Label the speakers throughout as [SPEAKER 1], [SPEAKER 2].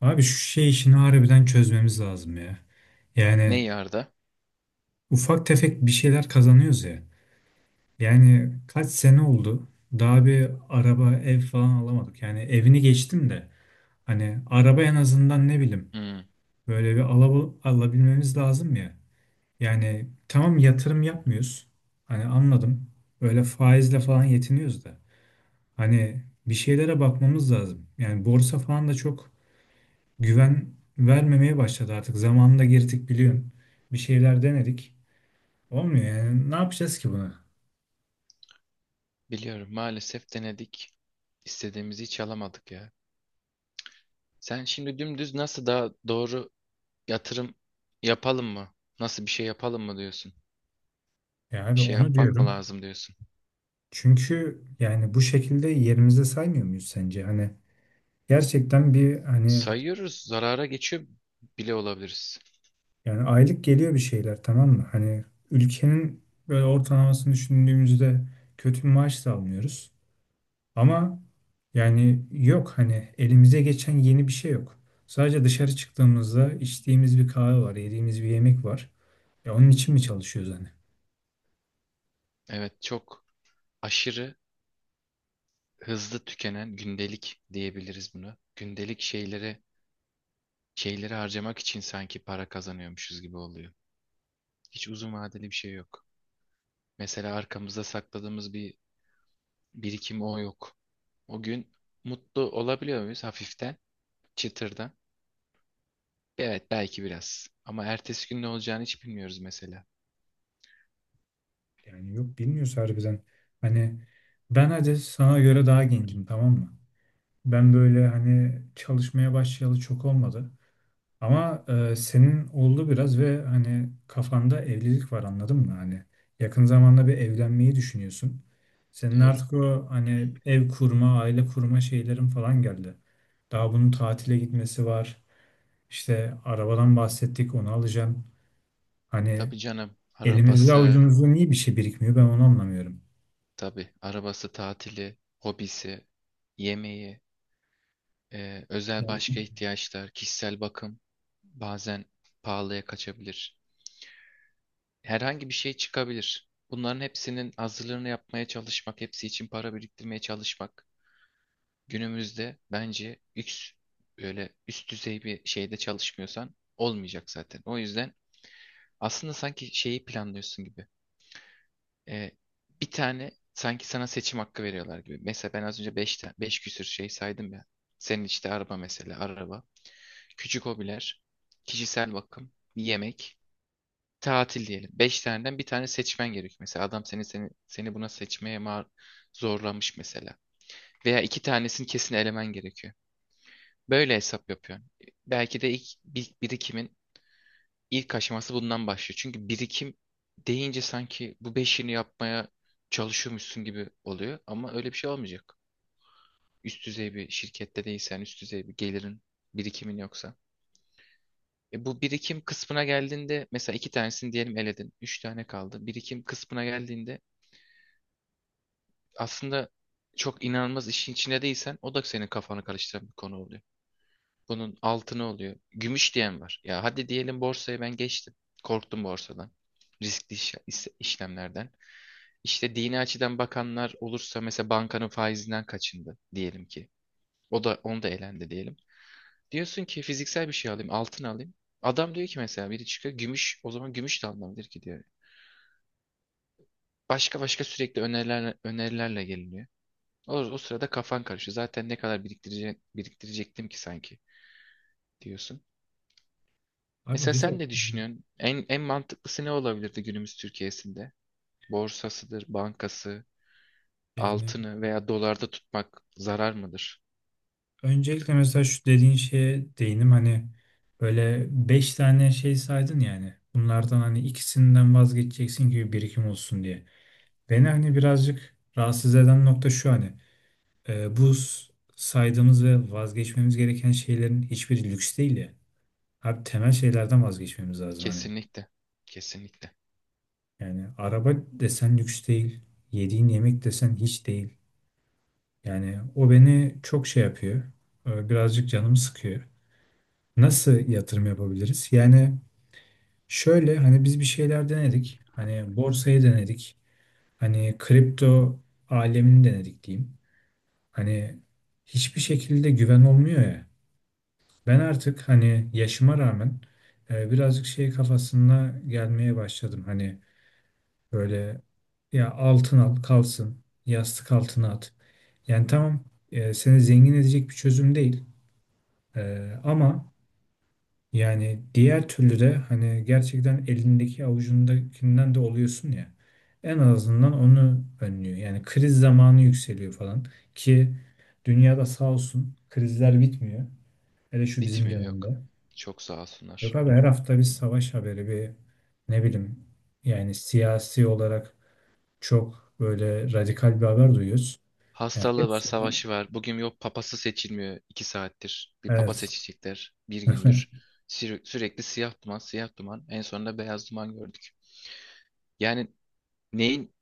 [SPEAKER 1] Abi şu şey işini harbiden çözmemiz lazım ya.
[SPEAKER 2] Ne
[SPEAKER 1] Yani
[SPEAKER 2] yarda?
[SPEAKER 1] ufak tefek bir şeyler kazanıyoruz ya. Yani kaç sene oldu? Daha bir araba, ev falan alamadık. Yani evini geçtim de hani araba en azından ne bileyim
[SPEAKER 2] Hmm,
[SPEAKER 1] böyle bir alabilmemiz lazım ya. Yani tamam, yatırım yapmıyoruz. Hani anladım. Öyle faizle falan yetiniyoruz da. Hani bir şeylere bakmamız lazım. Yani borsa falan da çok güven vermemeye başladı artık. Zamanında girdik, biliyorsun. Bir şeyler denedik. Olmuyor yani. Ne yapacağız ki bunu?
[SPEAKER 2] biliyorum maalesef denedik. İstediğimizi hiç alamadık ya. Sen şimdi dümdüz nasıl daha doğru yatırım yapalım mı? Nasıl bir şey yapalım mı diyorsun?
[SPEAKER 1] Ya
[SPEAKER 2] Bir
[SPEAKER 1] abi,
[SPEAKER 2] şey
[SPEAKER 1] onu
[SPEAKER 2] yapmak mı
[SPEAKER 1] diyorum.
[SPEAKER 2] lazım diyorsun?
[SPEAKER 1] Çünkü yani bu şekilde yerimizde saymıyor muyuz sence? Hani gerçekten bir, hani
[SPEAKER 2] Sayıyoruz, zarara geçiyor bile olabiliriz.
[SPEAKER 1] yani aylık geliyor bir şeyler, tamam mı? Hani ülkenin böyle ortalamasını düşündüğümüzde kötü bir maaş da almıyoruz. Ama yani yok, hani elimize geçen yeni bir şey yok. Sadece dışarı çıktığımızda içtiğimiz bir kahve var, yediğimiz bir yemek var. Ya onun için mi çalışıyoruz hani?
[SPEAKER 2] Evet, çok aşırı hızlı tükenen gündelik diyebiliriz buna. Gündelik şeylere şeyleri harcamak için sanki para kazanıyormuşuz gibi oluyor. Hiç uzun vadeli bir şey yok. Mesela arkamızda sakladığımız bir birikim, o yok. O gün mutlu olabiliyor muyuz hafiften, çıtırdan? Evet, belki biraz. Ama ertesi gün ne olacağını hiç bilmiyoruz mesela.
[SPEAKER 1] Yani yok, bilmiyoruz harbiden. Hani ben hadi sana göre daha gencim, tamam mı? Ben böyle hani çalışmaya başlayalı çok olmadı. Ama senin oldu biraz ve hani kafanda evlilik var, anladın mı? Hani yakın zamanda bir evlenmeyi düşünüyorsun. Senin
[SPEAKER 2] Doğru.
[SPEAKER 1] artık o hani ev kurma, aile kurma şeylerin falan geldi. Daha bunun tatile gitmesi var. İşte arabadan bahsettik, onu alacağım. Hani
[SPEAKER 2] Tabii canım.
[SPEAKER 1] elimizde
[SPEAKER 2] Arabası,
[SPEAKER 1] avucumuzda niye bir şey birikmiyor, ben onu anlamıyorum.
[SPEAKER 2] tabii. Arabası, tatili, hobisi, yemeği, özel
[SPEAKER 1] Yani
[SPEAKER 2] başka ihtiyaçlar, kişisel bakım bazen pahalıya kaçabilir. Herhangi bir şey çıkabilir. Bunların hepsinin hazırlığını yapmaya çalışmak, hepsi için para biriktirmeye çalışmak, günümüzde bence üst, öyle üst düzey bir şeyde çalışmıyorsan olmayacak zaten. O yüzden aslında sanki şeyi planlıyorsun gibi. Ee, bir tane sanki sana seçim hakkı veriyorlar gibi. Mesela ben az önce 5 5 küsür şey saydım ya. Senin işte araba, mesela araba. Küçük hobiler, kişisel bakım, yemek, tatil diyelim. 5 taneden bir tane seçmen gerekiyor. Mesela adam seni, seni buna seçmeye zorlamış mesela. Veya iki tanesini kesin elemen gerekiyor. Böyle hesap yapıyorum. Belki de ilk birikimin ilk aşaması bundan başlıyor. Çünkü birikim deyince sanki bu beşini yapmaya çalışıyormuşsun gibi oluyor. Ama öyle bir şey olmayacak. Üst düzey bir şirkette değilsen, üst düzey bir gelirin, birikimin yoksa. E, bu birikim kısmına geldiğinde mesela 2 tanesini diyelim eledin. 3 tane kaldı. Birikim kısmına geldiğinde aslında çok inanılmaz işin içinde değilsen o da senin kafanı karıştıran bir konu oluyor. Bunun altını oluyor, gümüş diyen var. Ya hadi diyelim, borsaya ben geçtim. Korktum borsadan. Riskli işlemlerden. İşte dini açıdan bakanlar olursa mesela bankanın faizinden kaçındı diyelim ki. O da, onu da elendi diyelim. Diyorsun ki fiziksel bir şey alayım, altın alayım. Adam diyor ki mesela, biri çıkıyor gümüş, o zaman gümüş de alınabilir ki diyor. Başka başka sürekli önerilerle, önerilerle geliniyor. O sırada kafan karışıyor. Zaten ne kadar biriktirecektim ki sanki diyorsun.
[SPEAKER 1] abi,
[SPEAKER 2] Mesela
[SPEAKER 1] bir de
[SPEAKER 2] sen ne düşünüyorsun? En mantıklısı ne olabilirdi günümüz Türkiye'sinde? Borsasıdır, bankası,
[SPEAKER 1] yani
[SPEAKER 2] altını veya dolarda tutmak zarar mıdır?
[SPEAKER 1] öncelikle mesela şu dediğin şeye değinim. Hani böyle beş tane şey saydın, yani bunlardan hani ikisinden vazgeçeceksin gibi, birikim olsun diye. Beni hani birazcık rahatsız eden nokta şu: hani bu saydığımız ve vazgeçmemiz gereken şeylerin hiçbiri lüks değil ya. Abi temel şeylerden vazgeçmemiz lazım hani.
[SPEAKER 2] Kesinlikle. Kesinlikle.
[SPEAKER 1] Yani araba desen lüks değil, yediğin yemek desen hiç değil. Yani o beni çok şey yapıyor. Birazcık canımı sıkıyor. Nasıl yatırım yapabiliriz? Yani şöyle, hani biz bir şeyler denedik. Hani borsayı denedik. Hani kripto alemini denedik diyeyim. Hani hiçbir şekilde güven olmuyor ya. Ben artık hani yaşıma rağmen birazcık şey kafasına gelmeye başladım. Hani böyle, ya altın al kalsın, yastık altına at. Yani tamam, seni zengin edecek bir çözüm değil. Ama yani diğer türlü de hani gerçekten elindeki avucundakinden de oluyorsun ya. En azından onu önlüyor. Yani kriz zamanı yükseliyor falan, ki dünyada sağ olsun, krizler bitmiyor. Hele şu bizim
[SPEAKER 2] Bitmiyor, yok.
[SPEAKER 1] dönemde.
[SPEAKER 2] Çok sağ olsunlar.
[SPEAKER 1] Yok abi, her hafta bir savaş haberi, bir ne bileyim, yani siyasi olarak çok böyle radikal bir haber duyuyoruz. Yani
[SPEAKER 2] Hastalığı var,
[SPEAKER 1] hepsinden.
[SPEAKER 2] savaşı var. Bugün yok, papası seçilmiyor 2 saattir. Bir papa
[SPEAKER 1] Evet.
[SPEAKER 2] seçecekler bir gündür. Sürekli siyah duman, siyah duman. En sonunda beyaz duman gördük. Yani neyin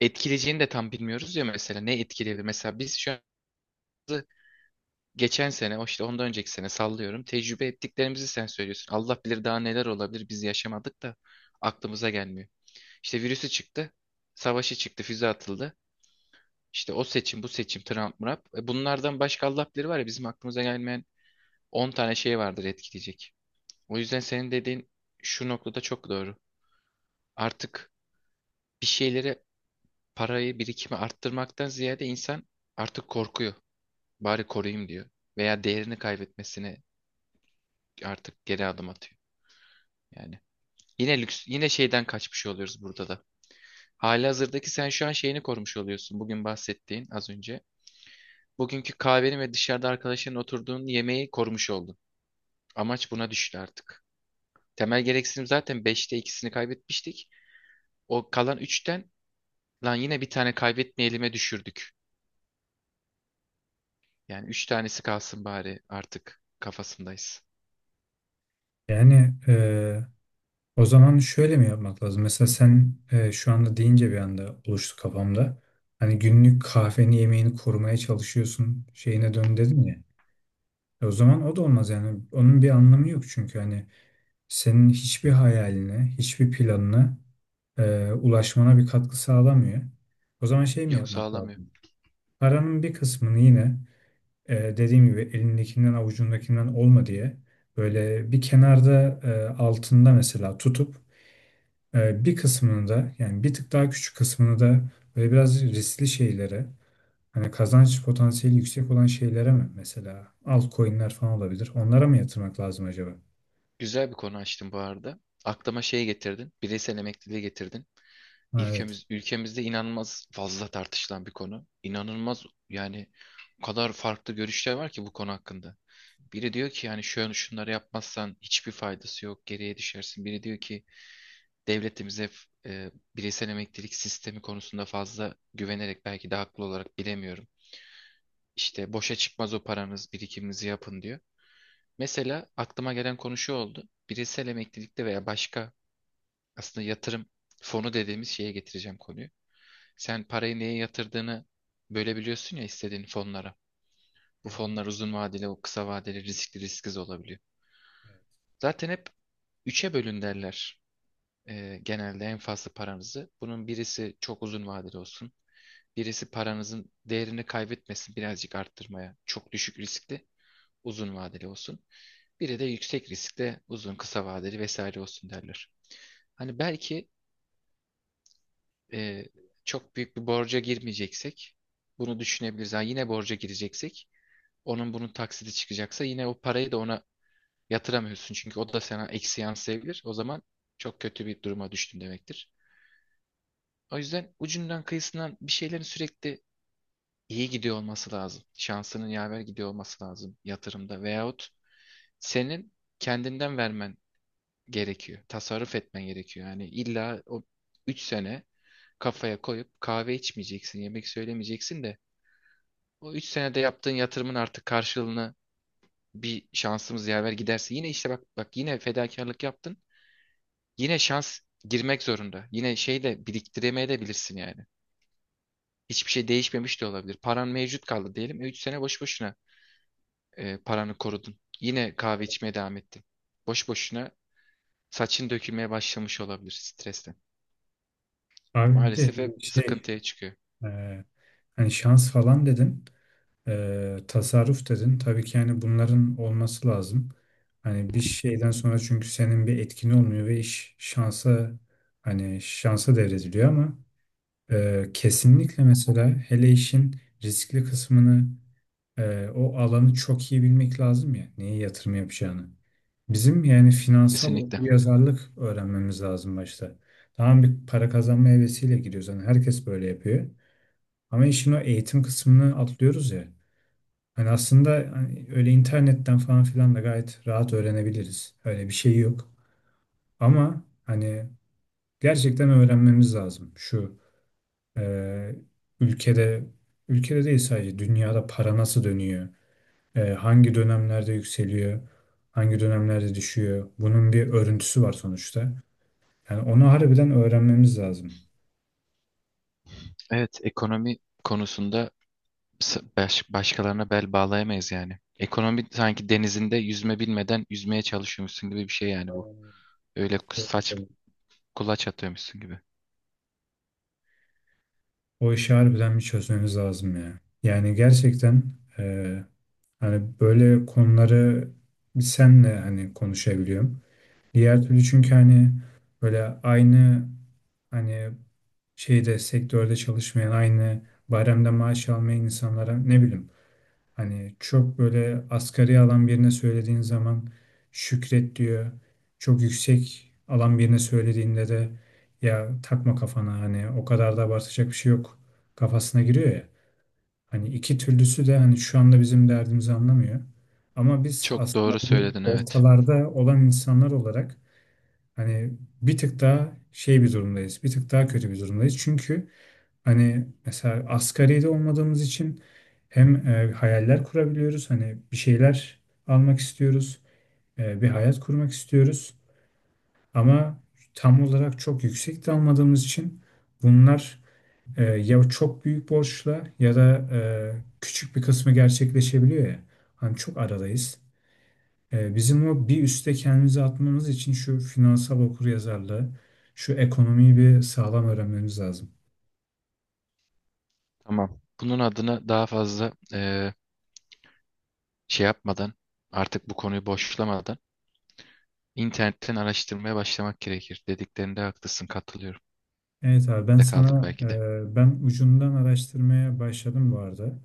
[SPEAKER 2] etkileyeceğini de tam bilmiyoruz ya mesela. Ne etkileyebilir? Mesela biz şu geçen sene, o işte ondan önceki sene sallıyorum. Tecrübe ettiklerimizi sen söylüyorsun. Allah bilir daha neler olabilir, biz yaşamadık da aklımıza gelmiyor. İşte virüsü çıktı, savaşı çıktı, füze atıldı. İşte o seçim, bu seçim, Trump, Murap. E, bunlardan başka Allah bilir var ya bizim aklımıza gelmeyen 10 tane şey vardır etkileyecek. O yüzden senin dediğin şu noktada çok doğru. Artık bir şeylere parayı, birikimi arttırmaktan ziyade insan artık korkuyor. Bari koruyayım diyor. Veya değerini kaybetmesine artık geri adım atıyor. Yani yine lüks, yine şeyden kaçmış oluyoruz burada da. Halihazırdaki sen şu an şeyini korumuş oluyorsun. Bugün bahsettiğin az önce. Bugünkü kahveni ve dışarıda arkadaşların oturduğun yemeği korumuş oldun. Amaç buna düştü artık. Temel gereksinim zaten beşte ikisini kaybetmiştik. O kalan 3'ten, lan yine bir tane kaybetmeyelim'e düşürdük. Yani 3 tanesi kalsın bari artık kafasındayız.
[SPEAKER 1] Yani, o zaman şöyle mi yapmak lazım? Mesela sen, şu anda deyince bir anda oluştu kafamda. Hani günlük kahveni, yemeğini korumaya çalışıyorsun şeyine dön dedin ya. O zaman o da olmaz yani. Onun bir anlamı yok, çünkü hani senin hiçbir hayaline, hiçbir planına ulaşmana bir katkı sağlamıyor. O zaman şey mi
[SPEAKER 2] Yok,
[SPEAKER 1] yapmak
[SPEAKER 2] sağlamıyor.
[SPEAKER 1] lazım? Paranın bir kısmını yine dediğim gibi elindekinden avucundakinden olma diye böyle bir kenarda, altında mesela tutup, bir kısmını da yani bir tık daha küçük kısmını da böyle biraz riskli şeylere, hani kazanç potansiyeli yüksek olan şeylere, mi mesela altcoin'ler falan olabilir. Onlara mı yatırmak lazım acaba?
[SPEAKER 2] Güzel bir konu açtın bu arada. Aklıma şey getirdin. Bireysel emekliliği getirdin.
[SPEAKER 1] Ha, evet.
[SPEAKER 2] Ülkemizde inanılmaz fazla tartışılan bir konu. İnanılmaz yani, o kadar farklı görüşler var ki bu konu hakkında. Biri diyor ki yani şöyle, şunları yapmazsan hiçbir faydası yok, geriye düşersin. Biri diyor ki devletimize bireysel emeklilik sistemi konusunda fazla güvenerek, belki de haklı olarak, bilemiyorum. İşte boşa çıkmaz o paranız, birikiminizi yapın diyor. Mesela aklıma gelen konu şu oldu. Bireysel emeklilikte veya başka, aslında yatırım fonu dediğimiz şeye getireceğim konuyu. Sen parayı neye yatırdığını bölebiliyorsun ya istediğin fonlara.
[SPEAKER 1] Hı
[SPEAKER 2] Bu
[SPEAKER 1] hı.
[SPEAKER 2] fonlar uzun vadeli, o kısa vadeli, riskli, risksiz olabiliyor.
[SPEAKER 1] Evet.
[SPEAKER 2] Zaten hep 3'e bölün derler. Genelde en fazla paranızı. Bunun birisi çok uzun vadeli olsun. Birisi paranızın değerini kaybetmesin, birazcık arttırmaya. Çok düşük riskli, uzun vadeli olsun. Biri de yüksek riskli, uzun, kısa vadeli vesaire olsun derler. Hani belki e, çok büyük bir borca girmeyeceksek bunu düşünebiliriz. Ha, yine borca gireceksek, onun bunun taksiti çıkacaksa, yine o parayı da ona yatıramıyorsun. Çünkü o da sana eksi yansıyabilir. O zaman çok kötü bir duruma düştün demektir. O yüzden ucundan kıyısından bir şeylerin sürekli iyi gidiyor olması lazım. Şansının yaver gidiyor olması lazım yatırımda. Veyahut senin kendinden vermen gerekiyor. Tasarruf etmen gerekiyor. Yani illa o 3 sene kafaya koyup kahve içmeyeceksin, yemek söylemeyeceksin de o 3 senede yaptığın yatırımın artık karşılığını, bir şansımız yaver giderse yine, işte bak bak, yine fedakarlık yaptın. Yine şans girmek zorunda. Yine şey de biriktiremeyebilirsin yani. Hiçbir şey değişmemiş de olabilir. Paran mevcut kaldı diyelim. E, 3 sene boş boşuna paranı korudun. Yine kahve içmeye devam ettin. Boş boşuna saçın dökülmeye başlamış olabilir stresten.
[SPEAKER 1] Abi bir de
[SPEAKER 2] Maalesef hep
[SPEAKER 1] şey,
[SPEAKER 2] sıkıntıya çıkıyor.
[SPEAKER 1] e, hani şans falan dedin. Tasarruf dedin. Tabii ki yani bunların olması lazım. Hani bir şeyden sonra çünkü senin bir etkin olmuyor ve iş şansa, hani şansa devrediliyor ama kesinlikle mesela, hele işin riskli kısmını, o alanı çok iyi bilmek lazım ya neye yatırım yapacağını. Bizim yani finansal
[SPEAKER 2] Kesinlikle.
[SPEAKER 1] okuryazarlık öğrenmemiz lazım başta. Tamam, bir para kazanma hevesiyle giriyoruz. Hani herkes böyle yapıyor. Ama işin o eğitim kısmını atlıyoruz ya. Hani aslında hani öyle internetten falan filan da gayet rahat öğrenebiliriz. Öyle bir şey yok. Ama hani gerçekten öğrenmemiz lazım şu: Ee, ülkede, değil sadece dünyada para nasıl dönüyor? Hangi dönemlerde yükseliyor? Hangi dönemlerde düşüyor? Bunun bir örüntüsü var sonuçta. Yani onu harbiden öğrenmemiz lazım.
[SPEAKER 2] Evet, ekonomi konusunda başkalarına bel bağlayamayız yani. Ekonomi sanki denizinde yüzme bilmeden yüzmeye çalışıyormuşsun gibi bir şey yani bu. Öyle kulaç atıyormuşsun gibi.
[SPEAKER 1] O işi harbiden bir çözmemiz lazım ya. Yani gerçekten, e, hani böyle konuları biz senle hani konuşabiliyorum. Diğer türlü çünkü hani böyle aynı hani sektörde çalışmayan, aynı bayramda maaş almayan insanlara, ne bileyim, hani çok böyle asgari alan birine söylediğin zaman şükret diyor. Çok yüksek alan birine söylediğinde de ya takma kafana, hani o kadar da abartacak bir şey yok kafasına giriyor ya. Hani iki türlüsü de hani şu anda bizim derdimizi anlamıyor. Ama biz
[SPEAKER 2] Çok
[SPEAKER 1] aslında
[SPEAKER 2] doğru
[SPEAKER 1] bu
[SPEAKER 2] söyledin, evet.
[SPEAKER 1] ortalarda olan insanlar olarak hani bir tık daha şey bir durumdayız. Bir tık daha kötü bir durumdayız. Çünkü hani mesela asgaride olmadığımız için hem hayaller kurabiliyoruz. Hani bir şeyler almak istiyoruz. Bir hayat kurmak istiyoruz. Ama tam olarak çok yüksek de almadığımız için bunlar ya çok büyük borçla ya da küçük bir kısmı gerçekleşebiliyor ya. Hani çok aradayız. Bizim o bir üste kendimizi atmamız için şu finansal okuryazarlığı, şu ekonomiyi bir sağlam öğrenmemiz lazım.
[SPEAKER 2] Tamam. Bunun adına daha fazla şey yapmadan, artık bu konuyu boşlamadan, internetten araştırmaya başlamak gerekir. Dediklerinde haklısın, katılıyorum.
[SPEAKER 1] Evet abi,
[SPEAKER 2] De kaldık belki de.
[SPEAKER 1] ben ucundan araştırmaya başladım bu arada.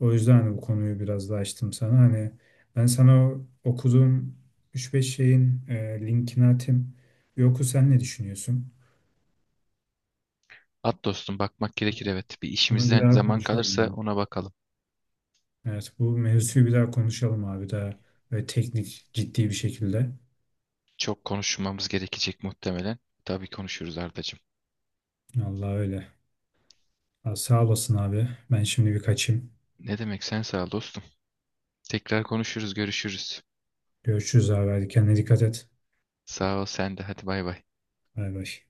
[SPEAKER 1] O yüzden hani bu konuyu biraz daha açtım sana. Hani ben sana o okuduğum üç beş şeyin linkini atayım. Bir oku, sen ne düşünüyorsun?
[SPEAKER 2] At dostum, bakmak gerekir evet. Bir
[SPEAKER 1] Bunu bir
[SPEAKER 2] işimizden
[SPEAKER 1] daha
[SPEAKER 2] zaman kalırsa
[SPEAKER 1] konuşalım.
[SPEAKER 2] ona bakalım.
[SPEAKER 1] Evet, bu mevzuyu bir daha konuşalım abi, daha böyle teknik, ciddi bir şekilde.
[SPEAKER 2] Çok konuşmamız gerekecek muhtemelen. Tabii konuşuruz, Ardacığım.
[SPEAKER 1] Allah öyle. Ha, sağ olasın abi. Ben şimdi bir kaçayım.
[SPEAKER 2] Ne demek, sen sağ ol dostum. Tekrar konuşuruz, görüşürüz.
[SPEAKER 1] Görüşürüz abi. Hadi kendine dikkat et.
[SPEAKER 2] Sağ ol sen de, hadi, bay bay.
[SPEAKER 1] Bay bay.